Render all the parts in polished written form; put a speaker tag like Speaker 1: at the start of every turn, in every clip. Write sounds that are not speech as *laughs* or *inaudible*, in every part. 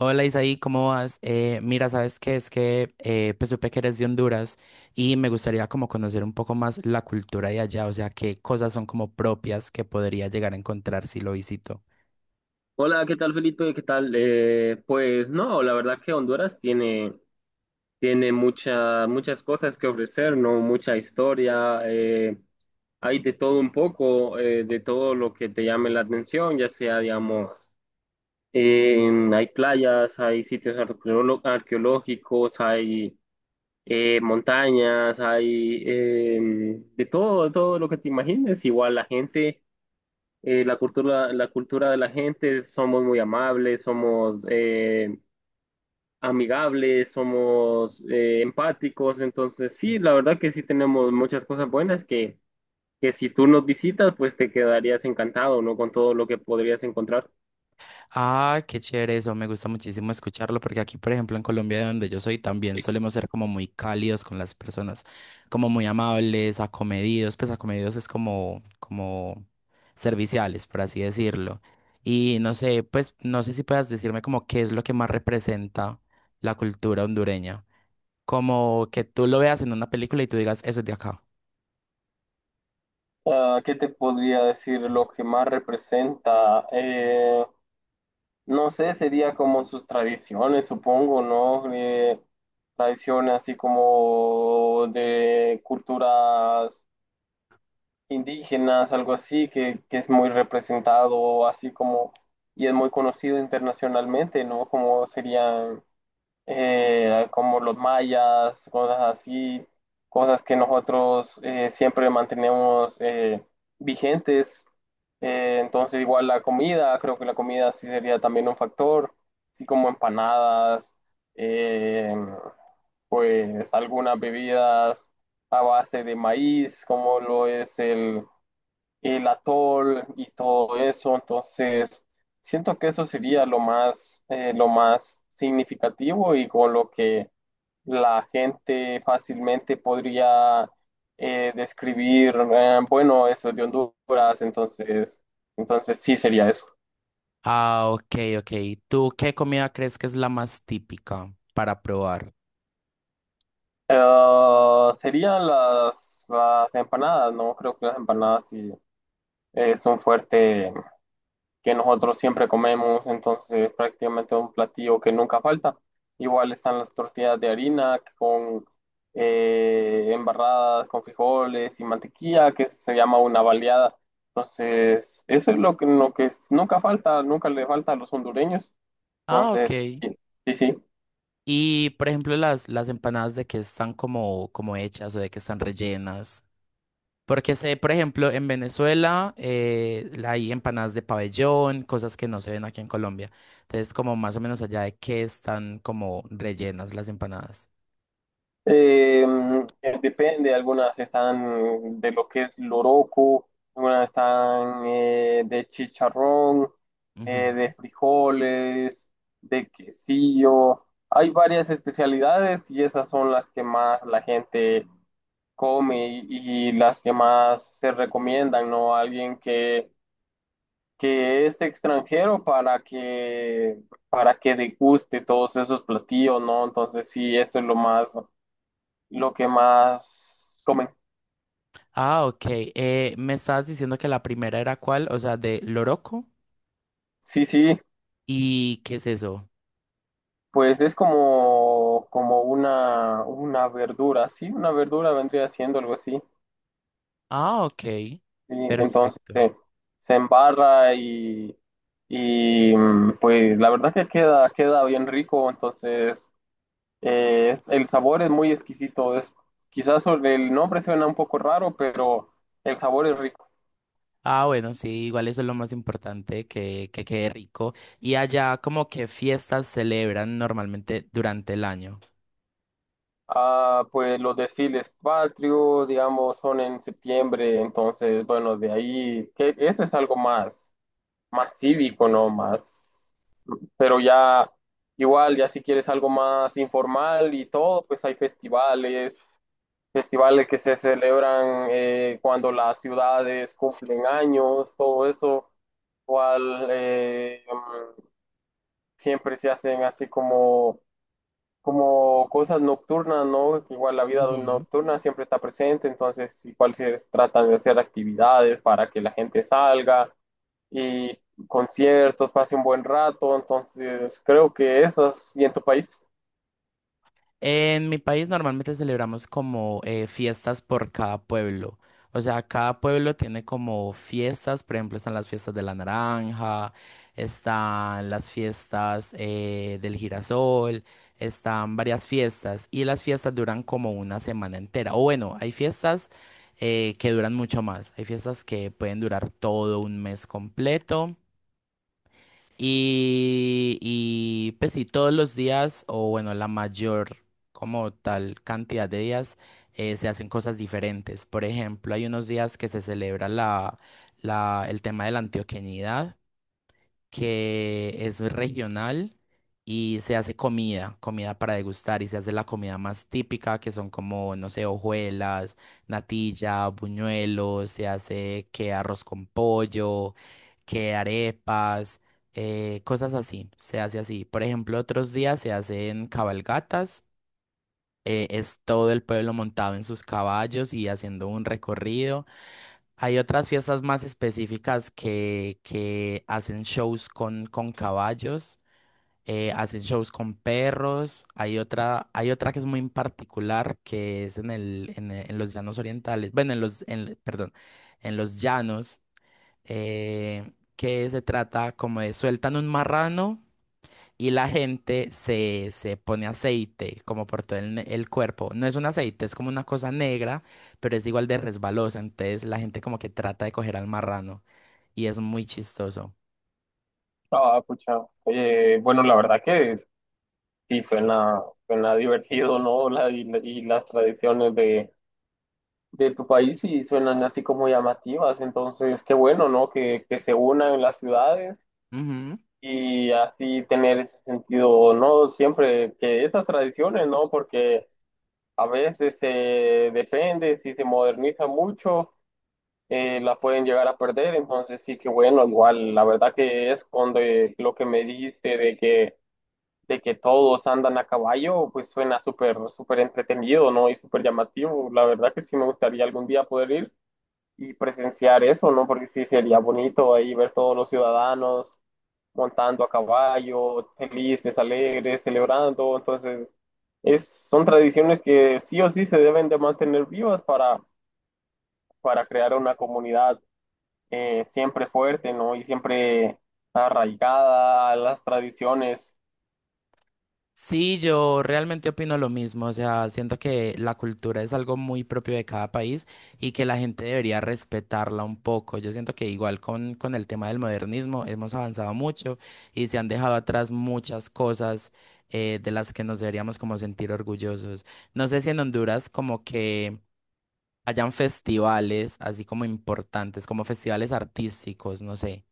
Speaker 1: Hola Isaí, ¿cómo vas? Mira, ¿sabes qué? Es que pues supe que eres de Honduras y me gustaría como conocer un poco más la cultura de allá, o sea, qué cosas son como propias que podría llegar a encontrar si lo visito.
Speaker 2: Hola, ¿qué tal Felipe? ¿Qué tal? Pues no, la verdad que Honduras tiene mucha, muchas cosas que ofrecer, ¿no? Mucha historia, hay de todo un poco, de todo lo que te llame la atención, ya sea, digamos, eh, hay playas, hay sitios arqueológicos, hay montañas, hay de todo lo que te imagines. Igual la gente, la cultura de la gente, somos muy amables, somos amigables, somos empáticos, entonces sí, la verdad que sí tenemos muchas cosas buenas que si tú nos visitas, pues te quedarías encantado, ¿no? Con todo lo que podrías encontrar.
Speaker 1: Ah, qué chévere eso, me gusta muchísimo escucharlo porque aquí, por ejemplo, en Colombia, de donde yo soy, también solemos ser como muy cálidos con las personas, como muy amables, acomedidos, pues acomedidos es como, como serviciales, por así decirlo. Y no sé, pues no sé si puedas decirme como qué es lo que más representa la cultura hondureña, como que tú lo veas en una película y tú digas, eso es de acá.
Speaker 2: Ah, ¿qué te podría decir lo que más representa? No sé, sería como sus tradiciones, supongo, ¿no? Tradiciones así como de culturas indígenas, algo así, que es muy representado, así como, y es muy conocido internacionalmente, ¿no? Como serían, como los mayas, cosas así, cosas que nosotros siempre mantenemos vigentes. Entonces, igual la comida, creo que la comida sí sería también un factor, así como empanadas, eh, pues algunas bebidas a base de maíz, como lo es el atol y todo eso. Entonces, siento que eso sería lo más significativo y con lo que la gente fácilmente podría describir, bueno, eso es de Honduras, entonces, entonces sí sería eso.
Speaker 1: Ah, ok, ok. ¿Tú qué comida crees que es la más típica para probar?
Speaker 2: Serían las empanadas, ¿no? Creo que las empanadas sí es un fuerte que nosotros siempre comemos, entonces prácticamente es un platillo que nunca falta. Igual están las tortillas de harina con embarradas, con frijoles y mantequilla, que se llama una baleada. Entonces, eso es lo que, nunca falta, nunca le falta a los hondureños.
Speaker 1: Ah, ok.
Speaker 2: Entonces, sí, sí. Sí.
Speaker 1: Y, por ejemplo, las empanadas de que están como, como hechas o de que están rellenas. Porque sé, por ejemplo, en Venezuela hay empanadas de pabellón, cosas que no se ven aquí en Colombia. Entonces, como más o menos allá de que están como rellenas las empanadas.
Speaker 2: Eh, Depende, algunas están de lo que es loroco, algunas están de chicharrón,
Speaker 1: Ujú.
Speaker 2: de frijoles, de quesillo. Hay varias especialidades y esas son las que más la gente come y las que más se recomiendan, ¿no? Alguien que es extranjero para que deguste todos esos platillos, ¿no? Entonces sí, eso es lo más, lo que más comen.
Speaker 1: Ah, ok. Me estabas diciendo que la primera era cuál, o sea, de loroco.
Speaker 2: Sí, sí,
Speaker 1: ¿Y qué es eso?
Speaker 2: pues es como, como una verdura, sí, una verdura vendría siendo algo así.
Speaker 1: Ah, ok.
Speaker 2: Sí, entonces
Speaker 1: Perfecto.
Speaker 2: se embarra y mm, pues la verdad que queda, queda bien rico, entonces el sabor es muy exquisito, es, quizás sobre el nombre suena un poco raro, pero el sabor es rico.
Speaker 1: Ah, bueno, sí, igual eso es lo más importante, que quede rico. Y allá, como que fiestas celebran normalmente durante el año.
Speaker 2: Ah, pues los desfiles patrios, digamos, son en septiembre, entonces, bueno, de ahí, que eso es algo más, más cívico, ¿no? Más, pero ya, igual, ya si quieres algo más informal y todo, pues hay festivales, festivales que se celebran cuando las ciudades cumplen años, todo eso, cual siempre se hacen así como como cosas nocturnas, ¿no? Que igual la vida nocturna siempre está presente, entonces igual se tratan de hacer actividades para que la gente salga y conciertos, pase un buen rato, entonces creo que esas, ¿y en tu país?
Speaker 1: En mi país normalmente celebramos como fiestas por cada pueblo. O sea, cada pueblo tiene como fiestas, por ejemplo, están las fiestas de la naranja, están las fiestas del girasol, están varias fiestas y las fiestas duran como una semana entera. O bueno, hay fiestas que duran mucho más, hay fiestas que pueden durar todo un mes completo. Y, pues sí, todos los días, o bueno, la mayor como tal cantidad de días, se hacen cosas diferentes. Por ejemplo, hay unos días que se celebra el tema de la antioqueñidad que es regional y se hace comida, comida para degustar y se hace la comida más típica que son como, no sé, hojuelas, natilla, buñuelos, se hace que arroz con pollo, que arepas, cosas así, se hace así. Por ejemplo, otros días se hacen cabalgatas. Es todo el pueblo montado en sus caballos y haciendo un recorrido. Hay otras fiestas más específicas que hacen shows con caballos, hacen shows con perros. Hay otra que es muy en particular, que es en el, en, en los llanos orientales, bueno, en los, en, perdón, en los llanos, que se trata como de sueltan un marrano y la gente se, se pone aceite como por todo el, el cuerpo. No es un aceite, es como una cosa negra, pero es igual de resbalosa. Entonces la gente como que trata de coger al marrano y es muy chistoso.
Speaker 2: Ah, pucha. Bueno, la verdad que sí suena, suena divertido, ¿no? La, y las tradiciones de tu país sí suenan así como llamativas. Entonces, qué bueno, ¿no? Que se unan las ciudades y así tener ese sentido, ¿no? Siempre que esas tradiciones, ¿no? Porque a veces se defiende, si se moderniza mucho, la pueden llegar a perder, entonces sí que bueno, igual, la verdad que es cuando lo que me dijiste de que todos andan a caballo, pues suena súper, súper entretenido, ¿no? Y súper llamativo, la verdad que sí me gustaría algún día poder ir y presenciar eso, ¿no? Porque sí sería bonito ahí ver todos los ciudadanos montando a caballo, felices, alegres, celebrando. Entonces, es, son tradiciones que sí o sí se deben de mantener vivas para crear una comunidad siempre fuerte, ¿no? Y siempre arraigada a las tradiciones.
Speaker 1: Sí, yo realmente opino lo mismo, o sea, siento que la cultura es algo muy propio de cada país y que la gente debería respetarla un poco. Yo siento que igual con el tema del modernismo hemos avanzado mucho y se han dejado atrás muchas cosas de las que nos deberíamos como sentir orgullosos. No sé si en Honduras como que hayan festivales así como importantes, como festivales artísticos, no sé.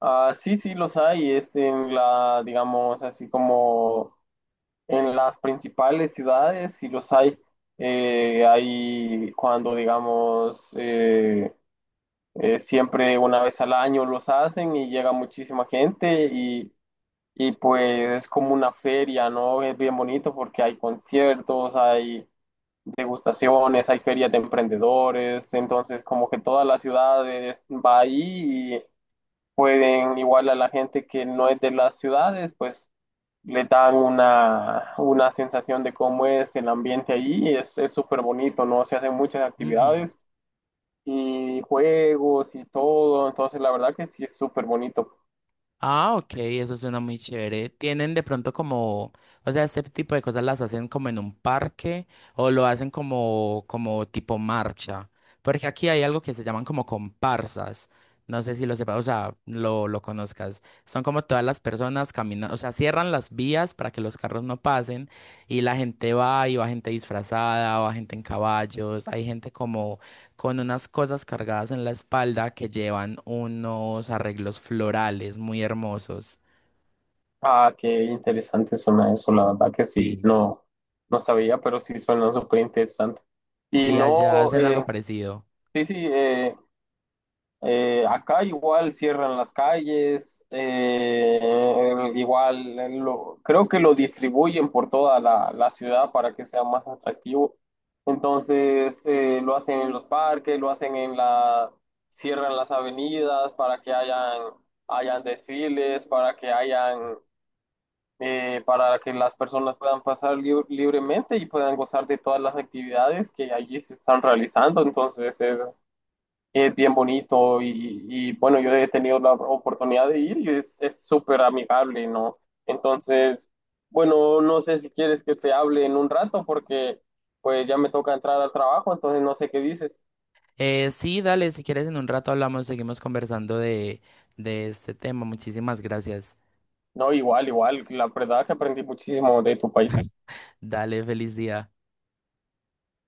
Speaker 2: Ah, sí, sí, los hay. Es en la, digamos, así como en las principales ciudades, sí los hay. Hay cuando, digamos, siempre una vez al año los hacen y llega muchísima gente y pues es como una feria, ¿no? Es bien bonito porque hay conciertos, hay degustaciones, hay ferias de emprendedores, entonces como que toda la ciudad va ahí, pueden igual a la gente que no es de las ciudades, pues le dan una sensación de cómo es el ambiente allí y es súper bonito, ¿no? Se hacen muchas actividades y juegos y todo, entonces la verdad que sí es súper bonito.
Speaker 1: Ah, ok, eso suena muy chévere. Tienen de pronto como, o sea, este tipo de cosas las hacen como en un parque o lo hacen como, como tipo marcha. Porque aquí hay algo que se llaman como comparsas. No sé si lo sepas, o sea, lo conozcas. Son como todas las personas caminando, o sea, cierran las vías para que los carros no pasen y la gente va y va gente disfrazada, va gente en caballos, hay gente con unas cosas cargadas en la espalda que llevan unos arreglos florales muy hermosos.
Speaker 2: Ah, qué interesante suena eso, la verdad que sí,
Speaker 1: Sí.
Speaker 2: no, no sabía, pero sí suena súper interesante. Y
Speaker 1: Sí allá
Speaker 2: no,
Speaker 1: hacen algo parecido.
Speaker 2: sí, sí, acá igual cierran las calles, igual creo que lo distribuyen por toda la, la ciudad para que sea más atractivo. Entonces lo hacen en los parques, lo hacen en la, cierran las avenidas para que hayan, hayan desfiles, para que hayan, para que las personas puedan pasar libremente y puedan gozar de todas las actividades que allí se están realizando. Entonces es bien bonito y, bueno, yo he tenido la oportunidad de ir y es súper amigable, ¿no? Entonces, bueno, no sé si quieres que te hable en un rato porque pues ya me toca entrar al trabajo, entonces no sé qué dices.
Speaker 1: Sí, dale, si quieres en un rato hablamos, seguimos conversando de este tema. Muchísimas gracias.
Speaker 2: No, igual, igual, la verdad que aprendí muchísimo de tu
Speaker 1: *laughs*
Speaker 2: país.
Speaker 1: Dale, feliz día.